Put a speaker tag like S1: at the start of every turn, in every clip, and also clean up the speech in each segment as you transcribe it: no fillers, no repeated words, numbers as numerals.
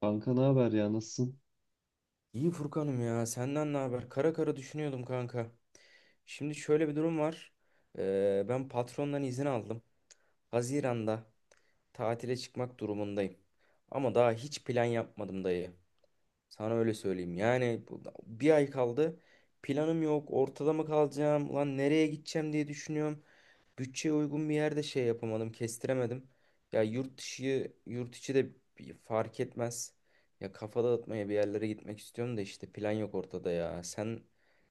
S1: Kanka ne haber ya nasılsın?
S2: İyi Furkan'ım ya senden ne haber? Kara kara düşünüyordum kanka. Şimdi şöyle bir durum var. Ben patrondan izin aldım. Haziran'da tatile çıkmak durumundayım. Ama daha hiç plan yapmadım dayı. Sana öyle söyleyeyim. Yani bir ay kaldı. Planım yok. Ortada mı kalacağım? Lan nereye gideceğim diye düşünüyorum. Bütçeye uygun bir yerde şey yapamadım, kestiremedim. Ya yurt dışı, yurt içi de bir fark etmez. Ya kafa dağıtmaya bir yerlere gitmek istiyorum da işte plan yok ortada ya. Sen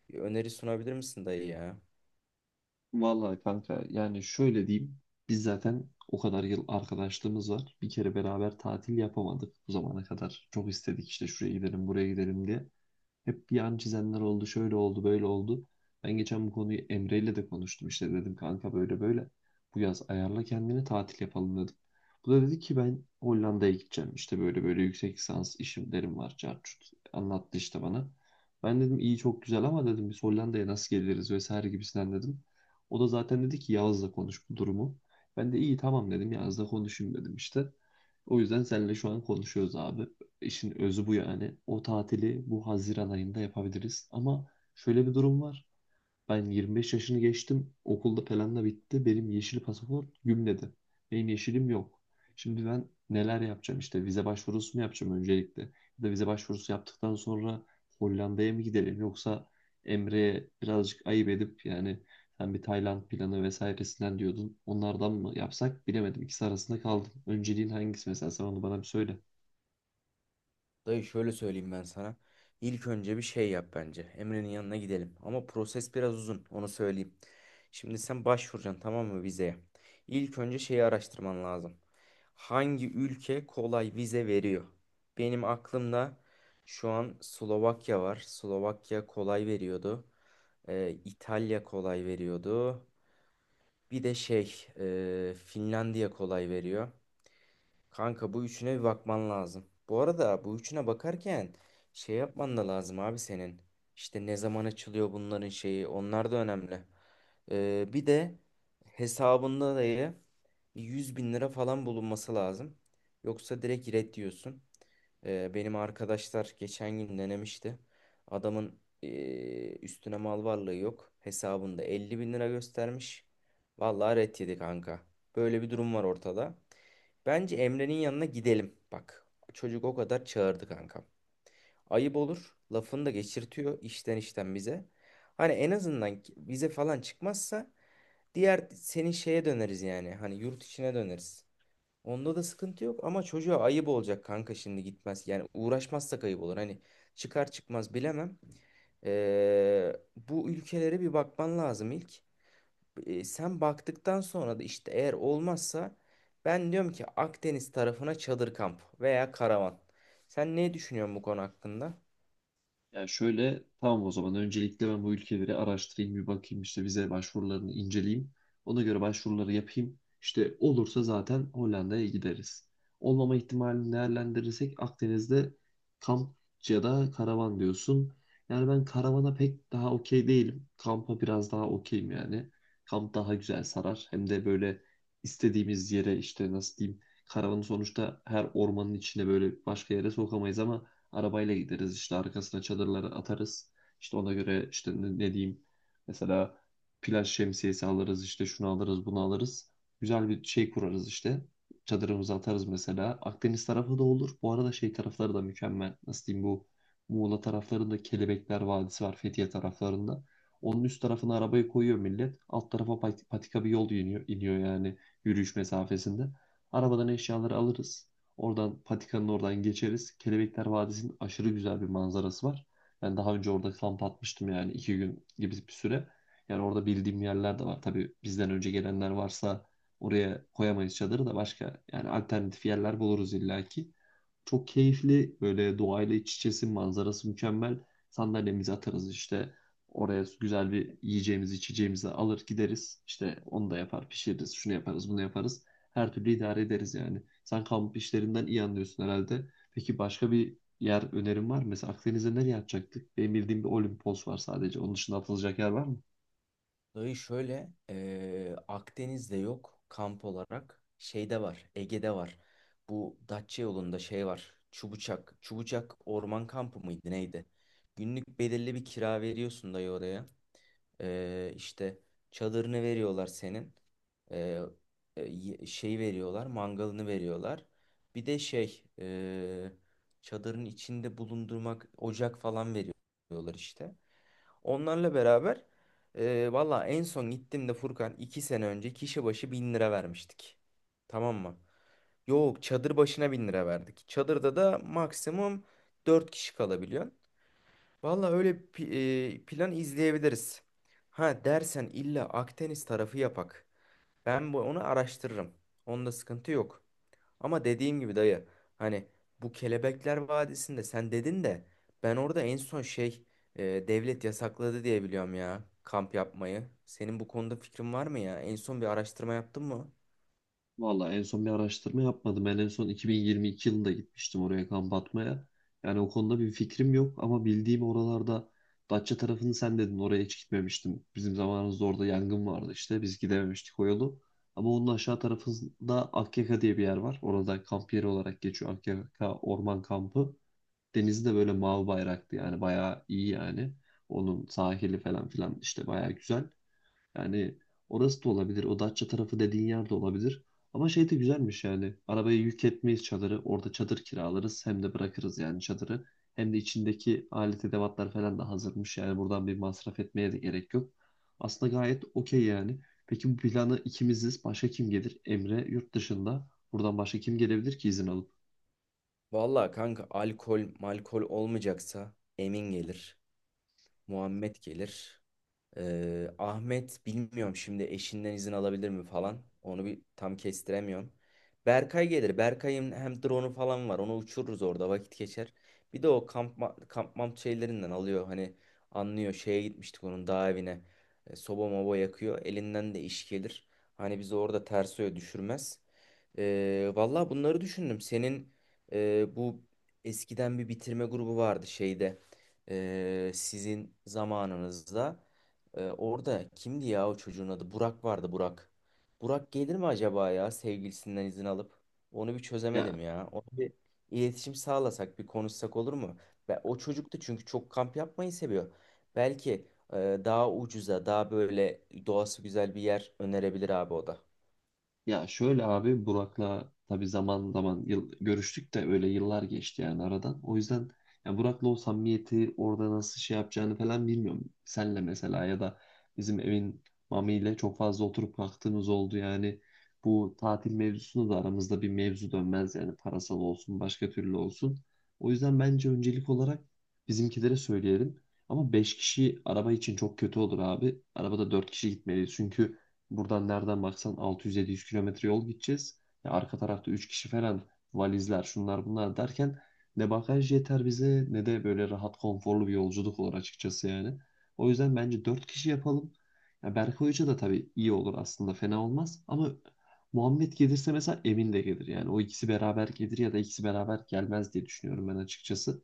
S2: bir öneri sunabilir misin dayı ya?
S1: Vallahi kanka yani şöyle diyeyim. Biz zaten o kadar yıl arkadaşlığımız var. Bir kere beraber tatil yapamadık bu zamana kadar. Çok istedik işte şuraya gidelim buraya gidelim diye. Hep yan çizenler oldu, şöyle oldu, böyle oldu. Ben geçen bu konuyu Emre ile de konuştum işte dedim kanka böyle böyle. Bu yaz ayarla kendini tatil yapalım dedim. Bu da dedi ki ben Hollanda'ya gideceğim işte böyle böyle yüksek lisans işimlerim var çart çut anlattı işte bana. Ben dedim iyi çok güzel ama dedim biz Hollanda'ya nasıl geliriz vesaire gibisinden dedim. O da zaten dedi ki Yağız'la konuş bu durumu. Ben de iyi tamam dedim Yağız'la konuşayım dedim işte. O yüzden seninle şu an konuşuyoruz abi. İşin özü bu yani. O tatili bu Haziran ayında yapabiliriz. Ama şöyle bir durum var. Ben 25 yaşını geçtim. Okulda falan da bitti. Benim yeşil pasaport gümledi. Benim yeşilim yok. Şimdi ben neler yapacağım? İşte vize başvurusu mu yapacağım öncelikle? Ya da vize başvurusu yaptıktan sonra Hollanda'ya mı gidelim? Yoksa Emre'ye birazcık ayıp edip yani sen bir Tayland planı vesairesinden diyordun. Onlardan mı yapsak bilemedim. İkisi arasında kaldım. Önceliğin hangisi mesela? Sen onu bana bir söyle.
S2: Dayı şöyle söyleyeyim ben sana. İlk önce bir şey yap bence. Emre'nin yanına gidelim. Ama proses biraz uzun, onu söyleyeyim. Şimdi sen başvuracaksın tamam mı vizeye? İlk önce şeyi araştırman lazım. Hangi ülke kolay vize veriyor? Benim aklımda şu an Slovakya var. Slovakya kolay veriyordu. İtalya kolay veriyordu. Bir de şey, Finlandiya kolay veriyor. Kanka bu üçüne bir bakman lazım. Bu arada bu üçüne bakarken şey yapman da lazım abi senin. İşte ne zaman açılıyor bunların şeyi onlar da önemli. Bir de hesabında da 100.000 lira falan bulunması lazım. Yoksa direkt red diyorsun. Benim arkadaşlar geçen gün denemişti. Adamın üstüne mal varlığı yok. Hesabında 50.000 lira göstermiş. Vallahi red yedi kanka. Böyle bir durum var ortada. Bence Emre'nin yanına gidelim. Bak çocuk o kadar çağırdı kankam. Ayıp olur. Lafını da geçirtiyor işten işten bize. Hani en azından vize falan çıkmazsa diğer senin şeye döneriz yani. Hani yurt içine döneriz. Onda da sıkıntı yok ama çocuğa ayıp olacak kanka şimdi gitmez. Yani uğraşmazsak ayıp olur. Hani çıkar çıkmaz bilemem. Bu ülkelere bir bakman lazım ilk sen baktıktan sonra da işte eğer olmazsa ben diyorum ki Akdeniz tarafına çadır kamp veya karavan. Sen ne düşünüyorsun bu konu hakkında?
S1: Yani şöyle, tamam, o zaman öncelikle ben bu ülkeleri araştırayım bir bakayım işte vize başvurularını inceleyeyim. Ona göre başvuruları yapayım. İşte olursa zaten Hollanda'ya gideriz. Olmama ihtimalini değerlendirirsek Akdeniz'de kamp ya da karavan diyorsun. Yani ben karavana pek daha okey değilim. Kampa biraz daha okeyim yani. Kamp daha güzel sarar. Hem de böyle istediğimiz yere işte nasıl diyeyim. Karavanı sonuçta her ormanın içine böyle başka yere sokamayız ama arabayla gideriz işte arkasına çadırları atarız. İşte ona göre işte ne, ne diyeyim mesela plaj şemsiyesi alırız işte şunu alırız bunu alırız. Güzel bir şey kurarız işte. Çadırımızı atarız mesela. Akdeniz tarafı da olur. Bu arada şey tarafları da mükemmel. Nasıl diyeyim, bu Muğla taraflarında Kelebekler Vadisi var Fethiye taraflarında. Onun üst tarafına arabayı koyuyor millet. Alt tarafa patika bir yol iniyor, iniyor yani yürüyüş mesafesinde. Arabadan eşyaları alırız. Oradan patikanın oradan geçeriz. Kelebekler Vadisi'nin aşırı güzel bir manzarası var. Ben daha önce orada kamp atmıştım yani iki gün gibi bir süre. Yani orada bildiğim yerler de var. Tabii bizden önce gelenler varsa oraya koyamayız çadırı da başka yani alternatif yerler buluruz illaki. Çok keyifli, böyle doğayla iç içesin, manzarası mükemmel. Sandalyemizi atarız işte oraya, güzel bir yiyeceğimizi içeceğimizi alır gideriz. İşte onu da yapar pişiririz, şunu yaparız bunu yaparız. Her türlü idare ederiz yani. Sen kamp işlerinden iyi anlıyorsun herhalde. Peki başka bir yer önerin var mı? Mesela Akdeniz'e nereye atacaktık? Benim bildiğim bir Olimpos var sadece. Onun dışında atılacak yer var mı?
S2: Dayı şöyle Akdeniz'de yok kamp olarak şeyde var Ege'de var. Bu Datça yolunda şey var Çubucak. Çubucak orman kampı mıydı neydi? Günlük belirli bir kira veriyorsun dayı oraya. İşte çadırını veriyorlar senin. Ee, Şey veriyorlar, mangalını veriyorlar. Bir de şey, çadırın içinde bulundurmak ocak falan veriyorlar işte. Onlarla beraber valla en son gittiğimde Furkan 2 sene önce kişi başı 1.000 lira vermiştik. Tamam mı? Yok çadır başına 1.000 lira verdik. Çadırda da maksimum dört kişi kalabiliyor. Valla öyle plan izleyebiliriz. Ha dersen illa Akdeniz tarafı yapak. Ben bu onu araştırırım. Onda sıkıntı yok. Ama dediğim gibi dayı hani bu Kelebekler Vadisi'nde sen dedin de ben orada en son şey e, devlet yasakladı diye biliyorum ya kamp yapmayı. Senin bu konuda fikrin var mı ya? En son bir araştırma yaptın mı?
S1: Valla en son bir araştırma yapmadım. Ben en son 2022 yılında gitmiştim oraya kamp atmaya. Yani o konuda bir fikrim yok ama bildiğim oralarda Datça tarafını sen dedin, oraya hiç gitmemiştim. Bizim zamanımızda orada yangın vardı işte, biz gidememiştik o yolu. Ama onun aşağı tarafında Akyaka diye bir yer var. Orada kamp yeri olarak geçiyor, Akyaka Orman Kampı. Denizi de böyle mavi bayraktı yani, bayağı iyi yani. Onun sahili falan filan işte bayağı güzel. Yani orası da olabilir. O Datça tarafı dediğin yer de olabilir. Ama şey de güzelmiş yani. Arabaya yük etmeyiz çadırı. Orada çadır kiralarız. Hem de bırakırız yani çadırı. Hem de içindeki alet edevatlar falan da hazırmış. Yani buradan bir masraf etmeye de gerek yok. Aslında gayet okey yani. Peki bu planı ikimiziz. Başka kim gelir? Emre yurt dışında. Buradan başka kim gelebilir ki izin alıp?
S2: Valla kanka alkol malkol olmayacaksa Emin gelir, Muhammed gelir. Ahmet bilmiyorum şimdi eşinden izin alabilir mi falan. Onu bir tam kestiremiyorum. Berkay gelir. Berkay'ın hem drone'u falan var. Onu uçururuz orada vakit geçer. Bir de o kamp mamp şeylerinden alıyor. Hani anlıyor şeye gitmiştik onun dağ evine. Soba moba yakıyor. Elinden de iş gelir. Hani bizi orada ters öyle düşürmez. Valla bunları düşündüm. Senin bu eskiden bir bitirme grubu vardı şeyde. Sizin zamanınızda. Orada kimdi ya o çocuğun adı? Burak vardı Burak. Burak gelir mi acaba ya sevgilisinden izin alıp? Onu bir çözemedim
S1: Ya
S2: ya. Onu bir iletişim sağlasak, bir konuşsak olur mu? Ve o çocuk da çünkü çok kamp yapmayı seviyor. Belki e, daha ucuza, daha böyle doğası güzel bir yer önerebilir abi o da.
S1: Ya şöyle abi, Burak'la tabii zaman zaman yıl, görüştük de öyle yıllar geçti yani aradan. O yüzden ya Burak'la o samimiyeti orada nasıl şey yapacağını falan bilmiyorum. Senle mesela, ya da bizim evin Mami ile çok fazla oturup kalktığımız oldu yani. Bu tatil mevzusunu da aramızda bir mevzu dönmez yani, parasal olsun başka türlü olsun. O yüzden bence öncelik olarak bizimkilere söyleyelim. Ama 5 kişi araba için çok kötü olur abi. Arabada 4 kişi gitmeliyiz, çünkü buradan nereden baksan 600-700 kilometre yol gideceğiz. Ya arka tarafta 3 kişi falan, valizler şunlar bunlar derken ne bagaj yeter bize ne de böyle rahat konforlu bir yolculuk olur açıkçası yani. O yüzden bence 4 kişi yapalım. Ya Berkay Hoca da tabii iyi olur aslında, fena olmaz ama Muhammed gelirse mesela Emin de gelir. Yani o ikisi beraber gelir ya da ikisi beraber gelmez diye düşünüyorum ben açıkçası.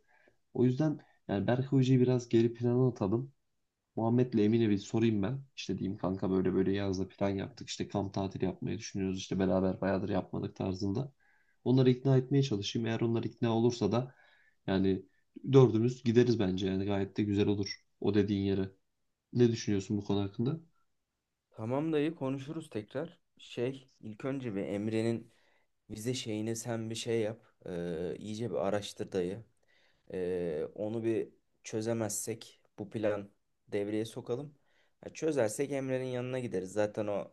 S1: O yüzden yani Berkay Hoca'yı biraz geri plana atalım. Muhammed'le Emine bir sorayım ben. İşte diyeyim kanka böyle böyle, yazda plan yaptık. İşte kamp tatili yapmayı düşünüyoruz. İşte beraber bayağıdır yapmadık tarzında. Onları ikna etmeye çalışayım. Eğer onlar ikna olursa da yani dördümüz gideriz bence. Yani gayet de güzel olur o dediğin yere. Ne düşünüyorsun bu konu hakkında?
S2: Tamam dayı konuşuruz tekrar. Şey, ilk önce bir Emre'nin vize şeyini sen bir şey yap. İyice bir araştır dayı. Onu bir çözemezsek bu plan devreye sokalım. Ya çözersek Emre'nin yanına gideriz. Zaten o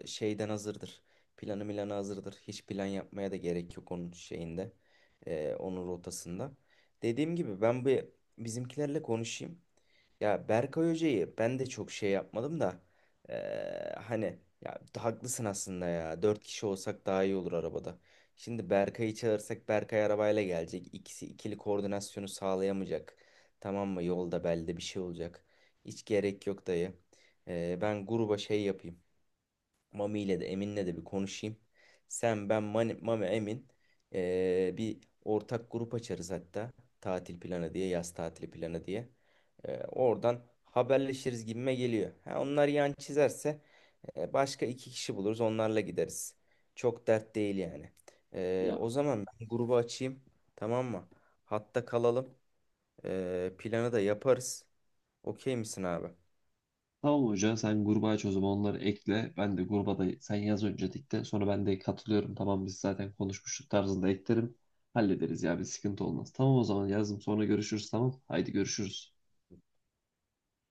S2: şeyden hazırdır. Planı milanı hazırdır. Hiç plan yapmaya da gerek yok onun şeyinde. Onun rotasında. Dediğim gibi ben bir bizimkilerle konuşayım. Ya Berkay Hoca'yı ben de çok şey yapmadım da hani ya haklısın aslında ya. Dört kişi olsak daha iyi olur arabada. Şimdi Berkay'ı çağırsak Berkay arabayla gelecek. İkisi ikili koordinasyonu sağlayamayacak. Tamam mı? Yolda belde bir şey olacak. Hiç gerek yok dayı. Ben gruba şey yapayım. Mami ile de Emin'le de bir konuşayım. Sen, ben, Mami, Emin bir ortak grup açarız hatta. Tatil planı diye, yaz tatili planı diye. Oradan haberleşiriz gibime geliyor. Ha, onlar yan çizerse başka iki kişi buluruz onlarla gideriz. Çok dert değil yani.
S1: Ya
S2: O zaman ben grubu açayım. Tamam mı? Hatta kalalım. Planı da yaparız. Okey misin abi?
S1: tamam hoca, sen gruba aç o zaman, onları ekle. Ben de gruba da sen yaz öncelikle. Sonra ben de katılıyorum. Tamam biz zaten konuşmuştuk tarzında eklerim. Hallederiz ya, bir sıkıntı olmaz. Tamam o zaman, yazdım sonra görüşürüz tamam. Haydi görüşürüz.